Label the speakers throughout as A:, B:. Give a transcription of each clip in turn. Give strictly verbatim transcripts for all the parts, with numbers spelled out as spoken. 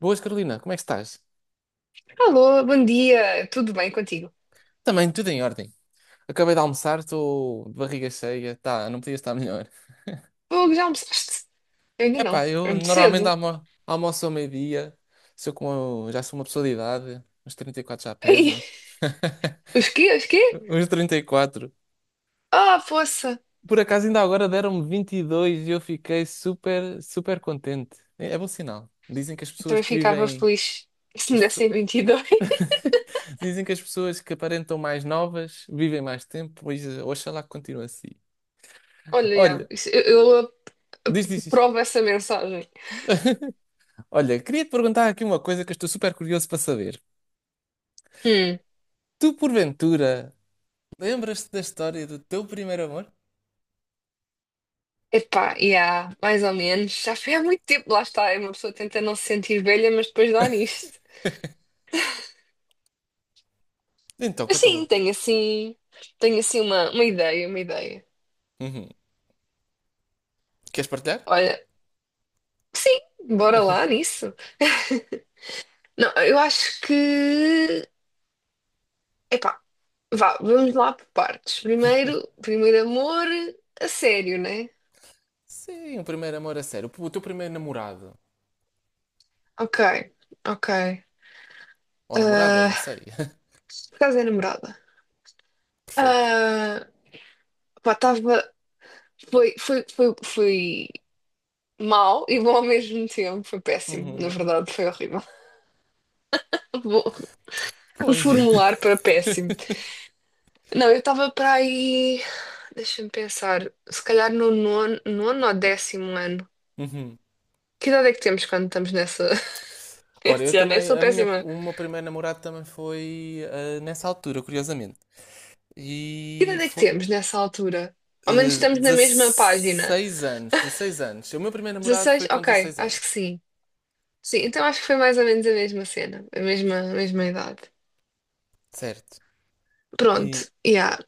A: Boas, Carolina, como é que estás?
B: Alô, bom dia, tudo bem contigo?
A: Também tudo em ordem. Acabei de almoçar, estou de barriga cheia, tá, não podia estar melhor.
B: Fogo, já almoçaste? Eu ainda não,
A: Epá,
B: é
A: eu
B: muito
A: normalmente
B: cedo.
A: almo almoço ao meio-dia, sou como, já sou uma pessoa de idade, uns trinta e quatro já
B: Ai,
A: pesa,
B: os quê? Os quê?
A: uns trinta e quatro.
B: Ah, poça!
A: Por acaso ainda agora deram-me vinte e dois e eu fiquei super, super contente. É, é bom sinal. Dizem que as
B: Eu
A: pessoas
B: também
A: que
B: ficava
A: vivem,
B: feliz se me
A: as pessoas-
B: dessem vinte e dois.
A: dizem que as pessoas que aparentam mais novas vivem mais tempo, pois eh, oxalá que continue assim.
B: Olha, já,
A: Olha,
B: isso- eu, eu
A: diz, diz, diz.
B: aprovo essa mensagem.
A: Olha, queria-te perguntar aqui uma coisa que eu estou super curioso para saber.
B: Hum,
A: Tu, porventura, lembras-te da história do teu primeiro amor?
B: Epá, já, mais ou menos. Já foi há muito tempo, lá está. É. Uma pessoa tenta não se sentir velha, mas depois dá nisto.
A: Então,
B: Mas
A: conta-me
B: sim,
A: lá.
B: tenho assim, tenho assim uma, uma ideia, uma ideia.
A: Uhum. Queres partilhar?
B: Olha, sim, bora lá nisso. Não, eu acho que. Epá, vá, vamos lá por partes. Primeiro, primeiro amor a sério, né?
A: Sim, o primeiro amor a sério. O teu primeiro namorado.
B: Ok, ok.
A: Ou namorada, não
B: Ah,
A: sei.
B: por causa da namorada.
A: Perfeito.
B: Ah, pá, estava. Foi, foi, foi, foi mal e bom ao mesmo tempo. Foi péssimo, na
A: Uhum.
B: verdade, foi horrível. Vou
A: Pois.
B: reformular para péssimo. Não, eu estava para aí. Deixa-me pensar. Se calhar no nono, nono ou décimo ano.
A: Uhum.
B: Que idade é que temos quando estamos nessa.
A: Ora, eu
B: Este ano, eu
A: também,
B: sou
A: a minha,
B: péssima.
A: o meu primeiro namorado também foi ah, nessa altura, curiosamente.
B: Que
A: E
B: idade é que
A: foi
B: temos nessa altura? Ao menos
A: ah,
B: estamos na mesma página.
A: dezasseis anos, dezasseis anos. O meu primeiro namorado
B: Dezasseis,
A: foi com
B: Ok,
A: dezasseis
B: acho que
A: anos,
B: sim. Sim, então acho que foi mais ou menos a mesma cena, a mesma, a mesma idade.
A: certo?
B: Pronto,
A: E
B: yeah.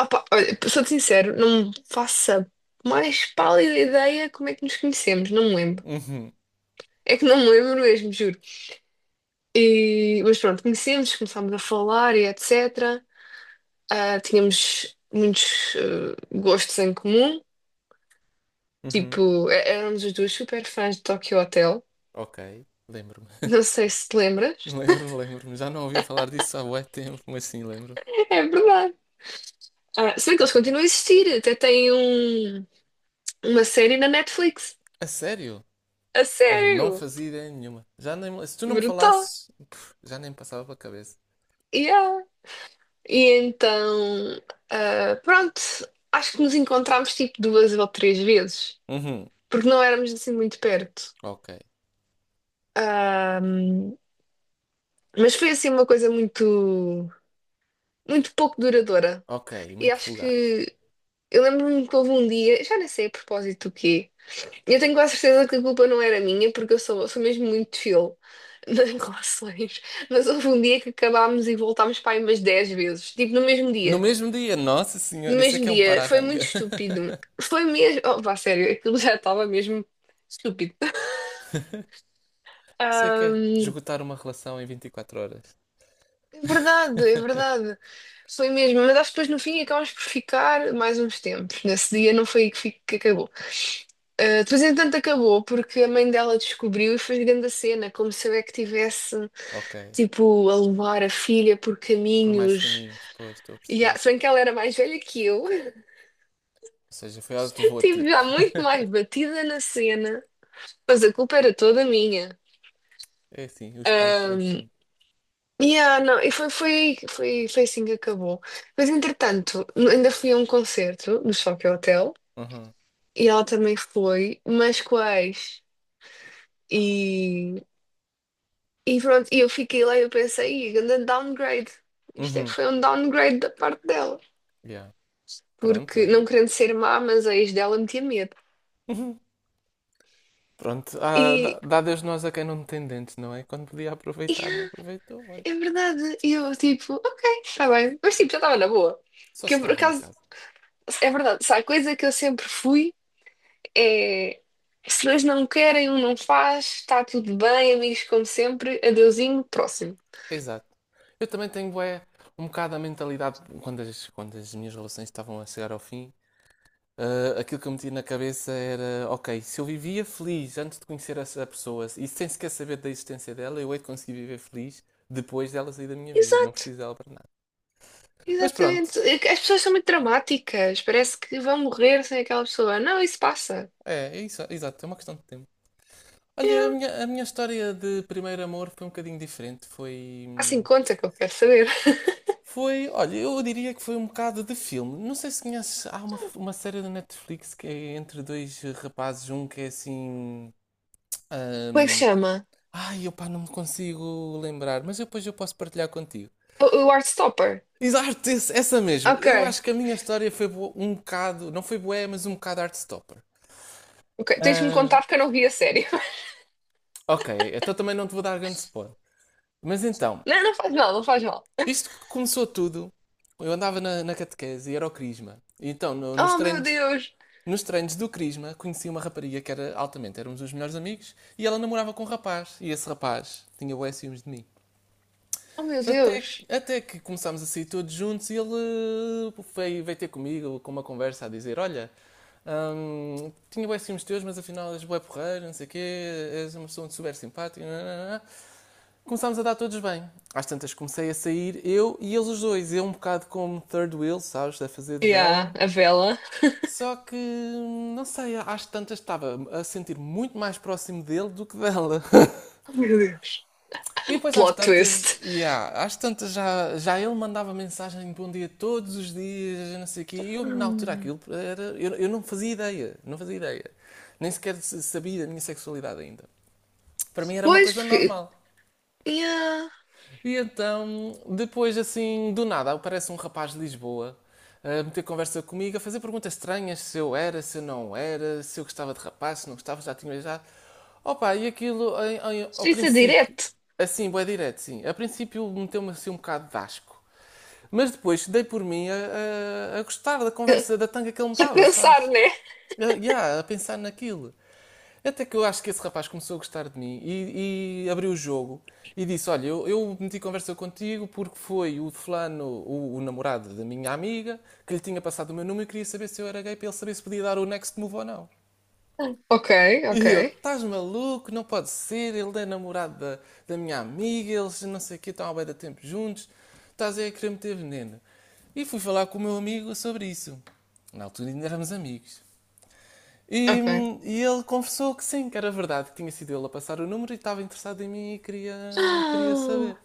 B: Opa, olha, sou-te sincero, não me faço a mais pálida ideia como é que nos conhecemos, não me lembro.
A: uhum,
B: É que não me lembro mesmo, juro. E, mas pronto, conhecemos, começámos a falar e et cetera. Ah, tínhamos muitos eh, gostos em comum.
A: uhum.
B: Tipo, é- éramos os dois super fãs de Tokyo Hotel.
A: Ok, lembro-me.
B: Não sei se te lembras.
A: Lembro-me, lembro-me. Já não ouviu falar disso há bué tempo, mas sim, lembro.
B: É verdade. Ah, se bem que eles continuam a existir, até têm um, uma série na Netflix.
A: A sério?
B: A
A: Olha, não
B: sério!
A: fazia ideia nenhuma. Já nem, me- Se tu não me
B: Brutal!
A: falasses, pff, já nem me passava pela cabeça.
B: Yeah. E então, ah, pronto, acho que nos encontramos tipo duas ou três vezes,
A: Uhum,
B: porque não éramos assim muito perto.
A: ok,
B: Mas foi assim uma coisa muito, muito pouco duradoura.
A: ok,
B: E
A: muito
B: acho
A: fugaz.
B: que eu lembro-me que houve um dia, já nem sei a propósito do quê. Eu tenho quase certeza que a culpa não era minha, porque eu sou, sou mesmo muito chill nas relações. Mas houve um dia que acabámos e voltámos para aí umas dez vezes, tipo no mesmo
A: No
B: dia.
A: mesmo dia, nossa
B: No
A: senhora, isso é
B: mesmo
A: que é um
B: dia, foi muito
A: para-arranca.
B: estúpido. Foi mesmo. Oh, pá, sério, aquilo já estava mesmo estúpido.
A: Isso é
B: Ah,
A: que é esgotar uma relação em vinte e quatro horas.
B: é verdade, é verdade. Foi mesmo, mas acho que depois no fim acabámos por ficar mais uns tempos. Nesse dia não foi aí que, fi- que acabou. Ah, depois, entanto, acabou porque a mãe dela descobriu e fez grande a cena, como se eu é que tivesse.
A: Ok,
B: Tipo, a levar a filha por
A: por mais
B: caminhos.
A: caminhos, pois, estou a
B: E, ah,
A: perceber.
B: se bem que ela era mais velha que eu,
A: Ou seja, foi ela que te levou a ti.
B: tive já muito mais batida na cena, mas a culpa era toda minha.
A: É assim, os pais
B: Ah,
A: são assim.
B: e ah, não, e foi, foi, foi, foi assim que acabou. Mas entretanto, ainda fui a um concerto no Choque Hotel
A: Uhum.
B: e ela também foi, mas com a ex. E, e pronto, e eu fiquei lá e eu pensei, "Ih, grande downgrade. Isto é que
A: Uhum.
B: foi um downgrade da parte dela,
A: Yeah. Pronto,
B: porque
A: olha.
B: não querendo ser má, mas a ex dela metia medo."
A: Uhum. Pronto, ah, dá,
B: E,
A: dá Deus nós a quem não tem dentes, não é? Quando podia aproveitar, não
B: yeah,
A: aproveitou, olha.
B: é verdade. E eu, tipo, ok, está bem. Mas, tipo, já estava na boa.
A: Só
B: Que eu, por
A: estraga uma
B: acaso,
A: casa.
B: é verdade. Se há coisa que eu sempre fui, é. Se dois não querem, um não faz, está tudo bem, amigos como sempre, adeusinho, próximo.
A: Exato. Eu também tenho, bué, um bocado a mentalidade, quando as, quando as minhas relações estavam a chegar ao fim, ah, aquilo que eu metia na cabeça era, ok, se eu vivia feliz antes de conhecer essa pessoa e sem sequer saber da existência dela, eu hei de conseguir viver feliz depois dela sair da minha vida. Não
B: Exato,
A: preciso dela para nada. Mas pronto,
B: exatamente. É que As pessoas são muito dramáticas, parece que vão morrer sem aquela pessoa. Não, isso passa.
A: é, é isso, exato, é uma questão de tempo. Olha, a
B: É.
A: minha, a minha história de primeiro amor foi um bocadinho diferente. Foi.
B: Assim conta que eu quero saber.
A: Foi. Olha, eu diria que foi um bocado de filme. Não sei se conheces. Há uma, uma série da Netflix que é entre dois rapazes. Um que é assim.
B: Como é que se
A: ahm,
B: chama?
A: Ai, opá, não me consigo lembrar. Mas depois eu posso partilhar contigo.
B: O, o Heartstopper.
A: Exato, esse- essa mesmo.
B: Ok,
A: Eu acho que a minha história foi bo- um bocado. Não foi bué, mas um bocado Heartstopper.
B: ok. Tens-me
A: Ah,
B: contar porque eu não vi a série.
A: ok, então também não te vou dar grande spoiler. Mas então.
B: Não, não faz mal, não faz mal.
A: Isto que começou tudo. Eu andava na, na catequese e era o Crisma. E então, no- nos
B: Oh meu
A: treinos,
B: Deus!
A: nos treinos do Crisma, conheci uma rapariga que era altamente, éramos os melhores amigos, e ela namorava com um rapaz, e esse rapaz tinha bué ciúmes de mim.
B: Oh meu
A: Até,
B: Deus!
A: até que começámos a sair todos juntos e ele eh, veio, veio ter comigo com uma conversa a dizer: "Olha, hum, tinha bué ciúmes teus, mas afinal és bué porreiro, não sei o quê, és uma pessoa super simpática, nananana." Começámos a dar todos bem. Às tantas comecei a sair eu e eles os dois. Eu um bocado como third wheel, sabes, a fazer de
B: E
A: vela.
B: há a vela.
A: Só que, não sei, às tantas estava a sentir muito mais próximo dele do que dela.
B: Oh meu Deus!
A: E depois às
B: Plot
A: tantas,
B: twist.
A: yeah, às tantas já, já ele mandava mensagem de bom dia todos os dias, não sei o quê. E eu, na altura,
B: Hum.
A: aquilo era... Eu, eu não fazia ideia, não fazia ideia. Nem sequer sabia da minha sexualidade ainda. Para mim era uma
B: Pois,
A: coisa
B: porque.
A: normal.
B: Yeah.
A: E então, depois assim, do nada, aparece um rapaz de Lisboa a meter conversa comigo, a fazer perguntas estranhas, se eu era, se eu não era, se eu gostava de rapaz, se não gostava, já tinha beijado. Opa, e aquilo, em- em- ao
B: Isso é
A: princípio,
B: direto.
A: assim, bué direto, sim. A princípio meteu-me assim um bocado de asco. Mas depois dei por mim a, a- a gostar da conversa, da tanga que ele me
B: A
A: dava,
B: pensar,
A: sabes?
B: né?
A: Eu, yeah, a pensar naquilo. Até que eu acho que esse rapaz começou a gostar de mim e, e abriu o jogo e disse: "Olha, eu, eu meti conversa contigo porque foi o fulano, o, o namorado da minha amiga, que lhe tinha passado o meu número e queria saber se eu era gay para ele saber se podia dar o next move ou não."
B: Ok, ok,
A: E eu, estás maluco? Não pode ser. Ele é namorado da, da minha amiga, eles não sei o quê, estão há bué de tempo juntos. Estás aí a querer meter veneno. E fui falar com o meu amigo sobre isso. Na altura ainda éramos amigos. E,
B: ok.
A: e ele confessou que sim, que era verdade, que tinha sido ele a passar o número e estava interessado em mim e queria, queria
B: Ah,
A: saber.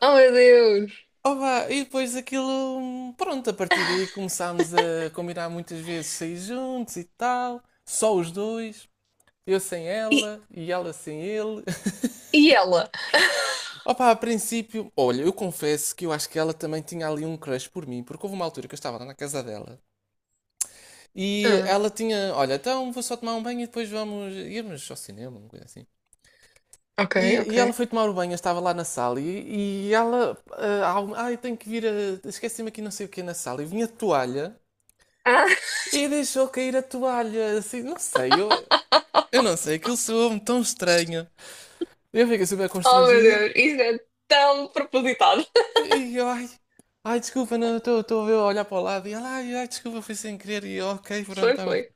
B: oh meu Deus!
A: Opa, e depois aquilo, pronto, a partir daí começámos a combinar muitas vezes sair juntos e tal, só os dois, eu sem
B: E,
A: ela e ela sem ele.
B: e ela?
A: Opa, a princípio, olha, eu confesso que eu acho que ela também tinha ali um crush por mim, porque houve uma altura que eu estava lá na casa dela e
B: Ah,
A: ela tinha, olha, então vou só tomar um banho e depois vamos irmos ao cinema, uma coisa assim.
B: ok,
A: E,
B: ok.
A: e ela foi tomar o banho, eu estava lá na sala e, e ela. Ah, há um- "Ah, eu tenho que vir a. Esqueci-me aqui não sei o que na sala." E vinha a toalha
B: Ah,
A: e deixou cair a toalha. Assim, não sei, eu, eu não sei, aquilo soou-me tão estranho. Eu fiquei super
B: oh meu
A: constrangido
B: Deus! Isso é tão propositado.
A: e eu, ai, ai, desculpa, não, estou estou a ver- a olhar para o lado. E ela, ai, ai, desculpa, foi sem querer. E eu, ok, pronto,
B: Foi,
A: está.
B: foi.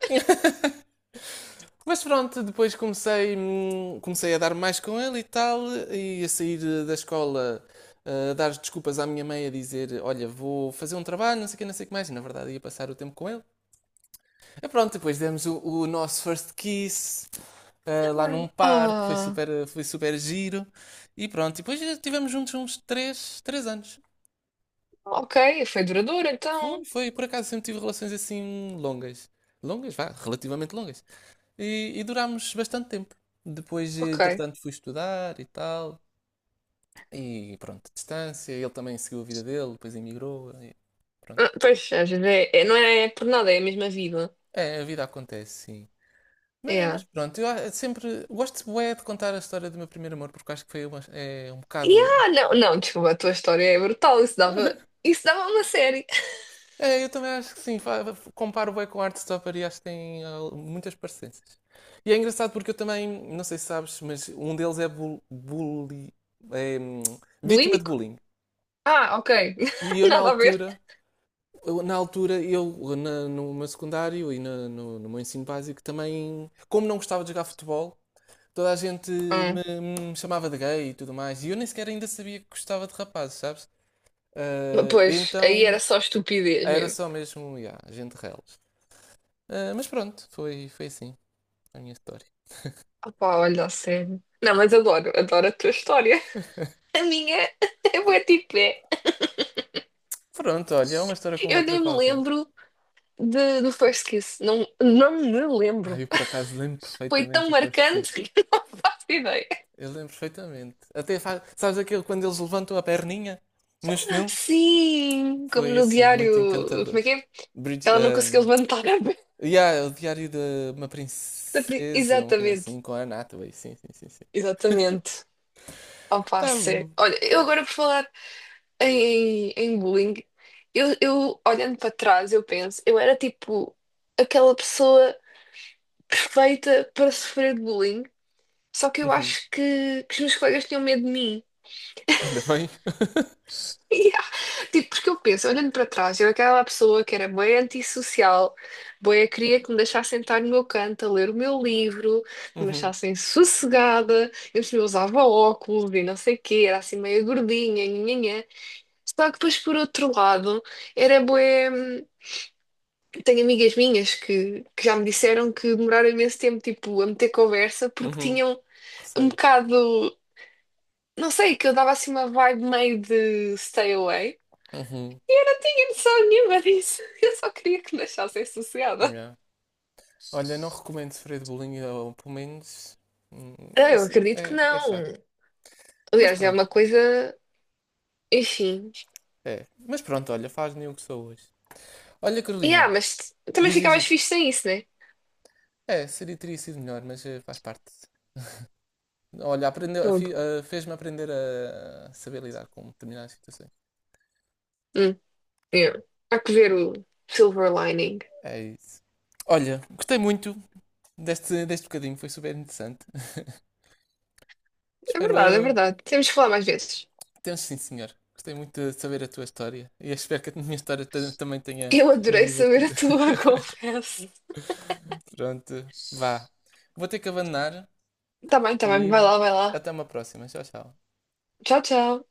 A: Mas pronto, depois comecei, hum, comecei a dar mais com ele e tal, e a sair eh, da escola, ah, a dar desculpas à minha mãe, a dizer: "Olha, vou fazer um trabalho, não sei o que, não sei o que mais." E, na verdade, ia passar o tempo com ele. E pronto, depois demos o, o nosso first kiss ah, lá num parque, foi
B: Ah,
A: super, foi super giro. E pronto, e depois estivemos juntos uns três três anos.
B: ok, foi duradouro
A: Foi,
B: então.
A: foi, por acaso sempre tive relações assim longas. Longas, vá, relativamente longas. E, e durámos bastante tempo. Depois,
B: Ok.
A: entretanto, fui estudar e tal. E pronto, distância. Ele também seguiu a vida dele, depois emigrou, e pronto.
B: Ah, pois, às vezes é, é- não é é por nada, é a mesma vida.
A: É, a vida acontece, sim. Mas,
B: É.
A: mas pronto, eu a- sempre gosto bué de contar a história do meu primeiro amor, porque acho que foi uma- é um
B: E
A: bocado.
B: ah, não, não, desculpa, a tua história é brutal. Isso dava, isso dava uma série.
A: É, eu também acho que sim. Fa- Comparo bem com o Heartstopper e acho que tem ah, muitas parecências. E é engraçado porque eu também, não sei se sabes, mas um deles é, bul bully, é hum, vítima de
B: Bulímico?
A: bullying.
B: Ah, ok.
A: E eu na
B: Nada a ver.
A: altura, eu, na altura, eu na- no meu secundário e na- no, no meu ensino básico também, como não gostava de jogar futebol, toda a gente
B: Hum.
A: me, me chamava de gay e tudo mais. E eu nem sequer ainda sabia que gostava de rapazes, sabes? Ah,
B: Pois, aí era
A: então
B: só estupidez
A: era
B: mesmo.
A: só mesmo, yeah, gente reles. Ah, mas pronto, foi, foi assim a minha história.
B: Opá, olha, a sério. Não, mas adoro, adoro a tua história. A minha é bué tipo é.
A: Pronto, olha, é uma história como
B: Eu
A: outra
B: nem me
A: qualquer.
B: lembro de, do First Kiss. Não, não me
A: Ah,
B: lembro.
A: eu por acaso lembro
B: Foi tão
A: perfeitamente do first
B: marcante
A: kiss.
B: que não faço ideia.
A: Eu lembro perfeitamente. Até faz... Sabes aquele quando eles levantam a perninha nos filmes?
B: Sim, como
A: Foi
B: no
A: assim, muito
B: diário. Como
A: encantador.
B: é que é? Que
A: Brid...
B: Ela não conseguiu
A: ahm,
B: levantar a perna.
A: yeah, é o Diário de uma Princesa, uma coisa
B: Exatamente,
A: assim, com a Anne Hathaway. Sim, sim, sim, sim.
B: exatamente. Opa,
A: Tá
B: sério.
A: bom.
B: Olha, eu agora por falar em, em bullying, eu, eu olhando para trás, eu penso, eu era tipo aquela pessoa perfeita para sofrer de bullying, só que eu
A: Uhum.
B: acho que, que os meus colegas tinham medo de mim.
A: Ainda bem.
B: Yeah. Tipo, porque eu penso, olhando para trás, eu aquela pessoa que era bem antissocial, bem, eu queria que me deixassem estar no meu canto a ler o meu livro, que me
A: uhum.
B: deixassem sossegada, eu eu usava óculos e não sei o quê, era assim meio gordinha, nhanhanhã. Só que depois, por outro lado, era bué. hum, Tenho amigas minhas que, que já me disseram que demoraram imenso tempo, tipo, a meter conversa, porque
A: Uhum.
B: tinham um
A: Receio.
B: bocado. Não sei, que eu dava assim uma vibe meio de stay away.
A: Uhum.
B: e eu não tinha noção nenhuma disso. Eu só queria que me achassem sossegada.
A: Yeah. Olha, não recomendo sofrer de bullying, ou pelo menos. hum,
B: Ah, Eu
A: esse-
B: acredito que
A: É, é
B: não.
A: chato. Mas
B: Aliás, é uma
A: pronto,
B: coisa. Enfim.
A: é. Mas pronto, olha, faz-me o que sou hoje. Olha,
B: e ah
A: Carolina,
B: mas também
A: diz,
B: fica
A: diz,
B: mais
A: diz.
B: fixe sem isso, né?
A: É, seria, teria sido melhor, mas eh, faz parte. Olha, aprendeu, a fi-
B: Fogo.
A: a- fez-me aprender a saber lidar com determinadas situações.
B: Hum, yeah. Há que ver o silver lining.
A: É isso. Olha, gostei muito deste, deste bocadinho, foi super interessante.
B: É
A: Espero.
B: verdade, é
A: eh,
B: verdade. Temos que falar mais vezes.
A: Temos sim, senhor. Gostei muito de saber a tua história e espero que a minha história ta- também tenha
B: Eu adorei saber a
A: divertido.
B: tua, confesso.
A: Pronto, vá. Vou ter que abandonar
B: Tá bem, tá bem. Vai
A: e
B: lá, vai lá.
A: até uma próxima. Tchau, tchau.
B: Tchau, tchau.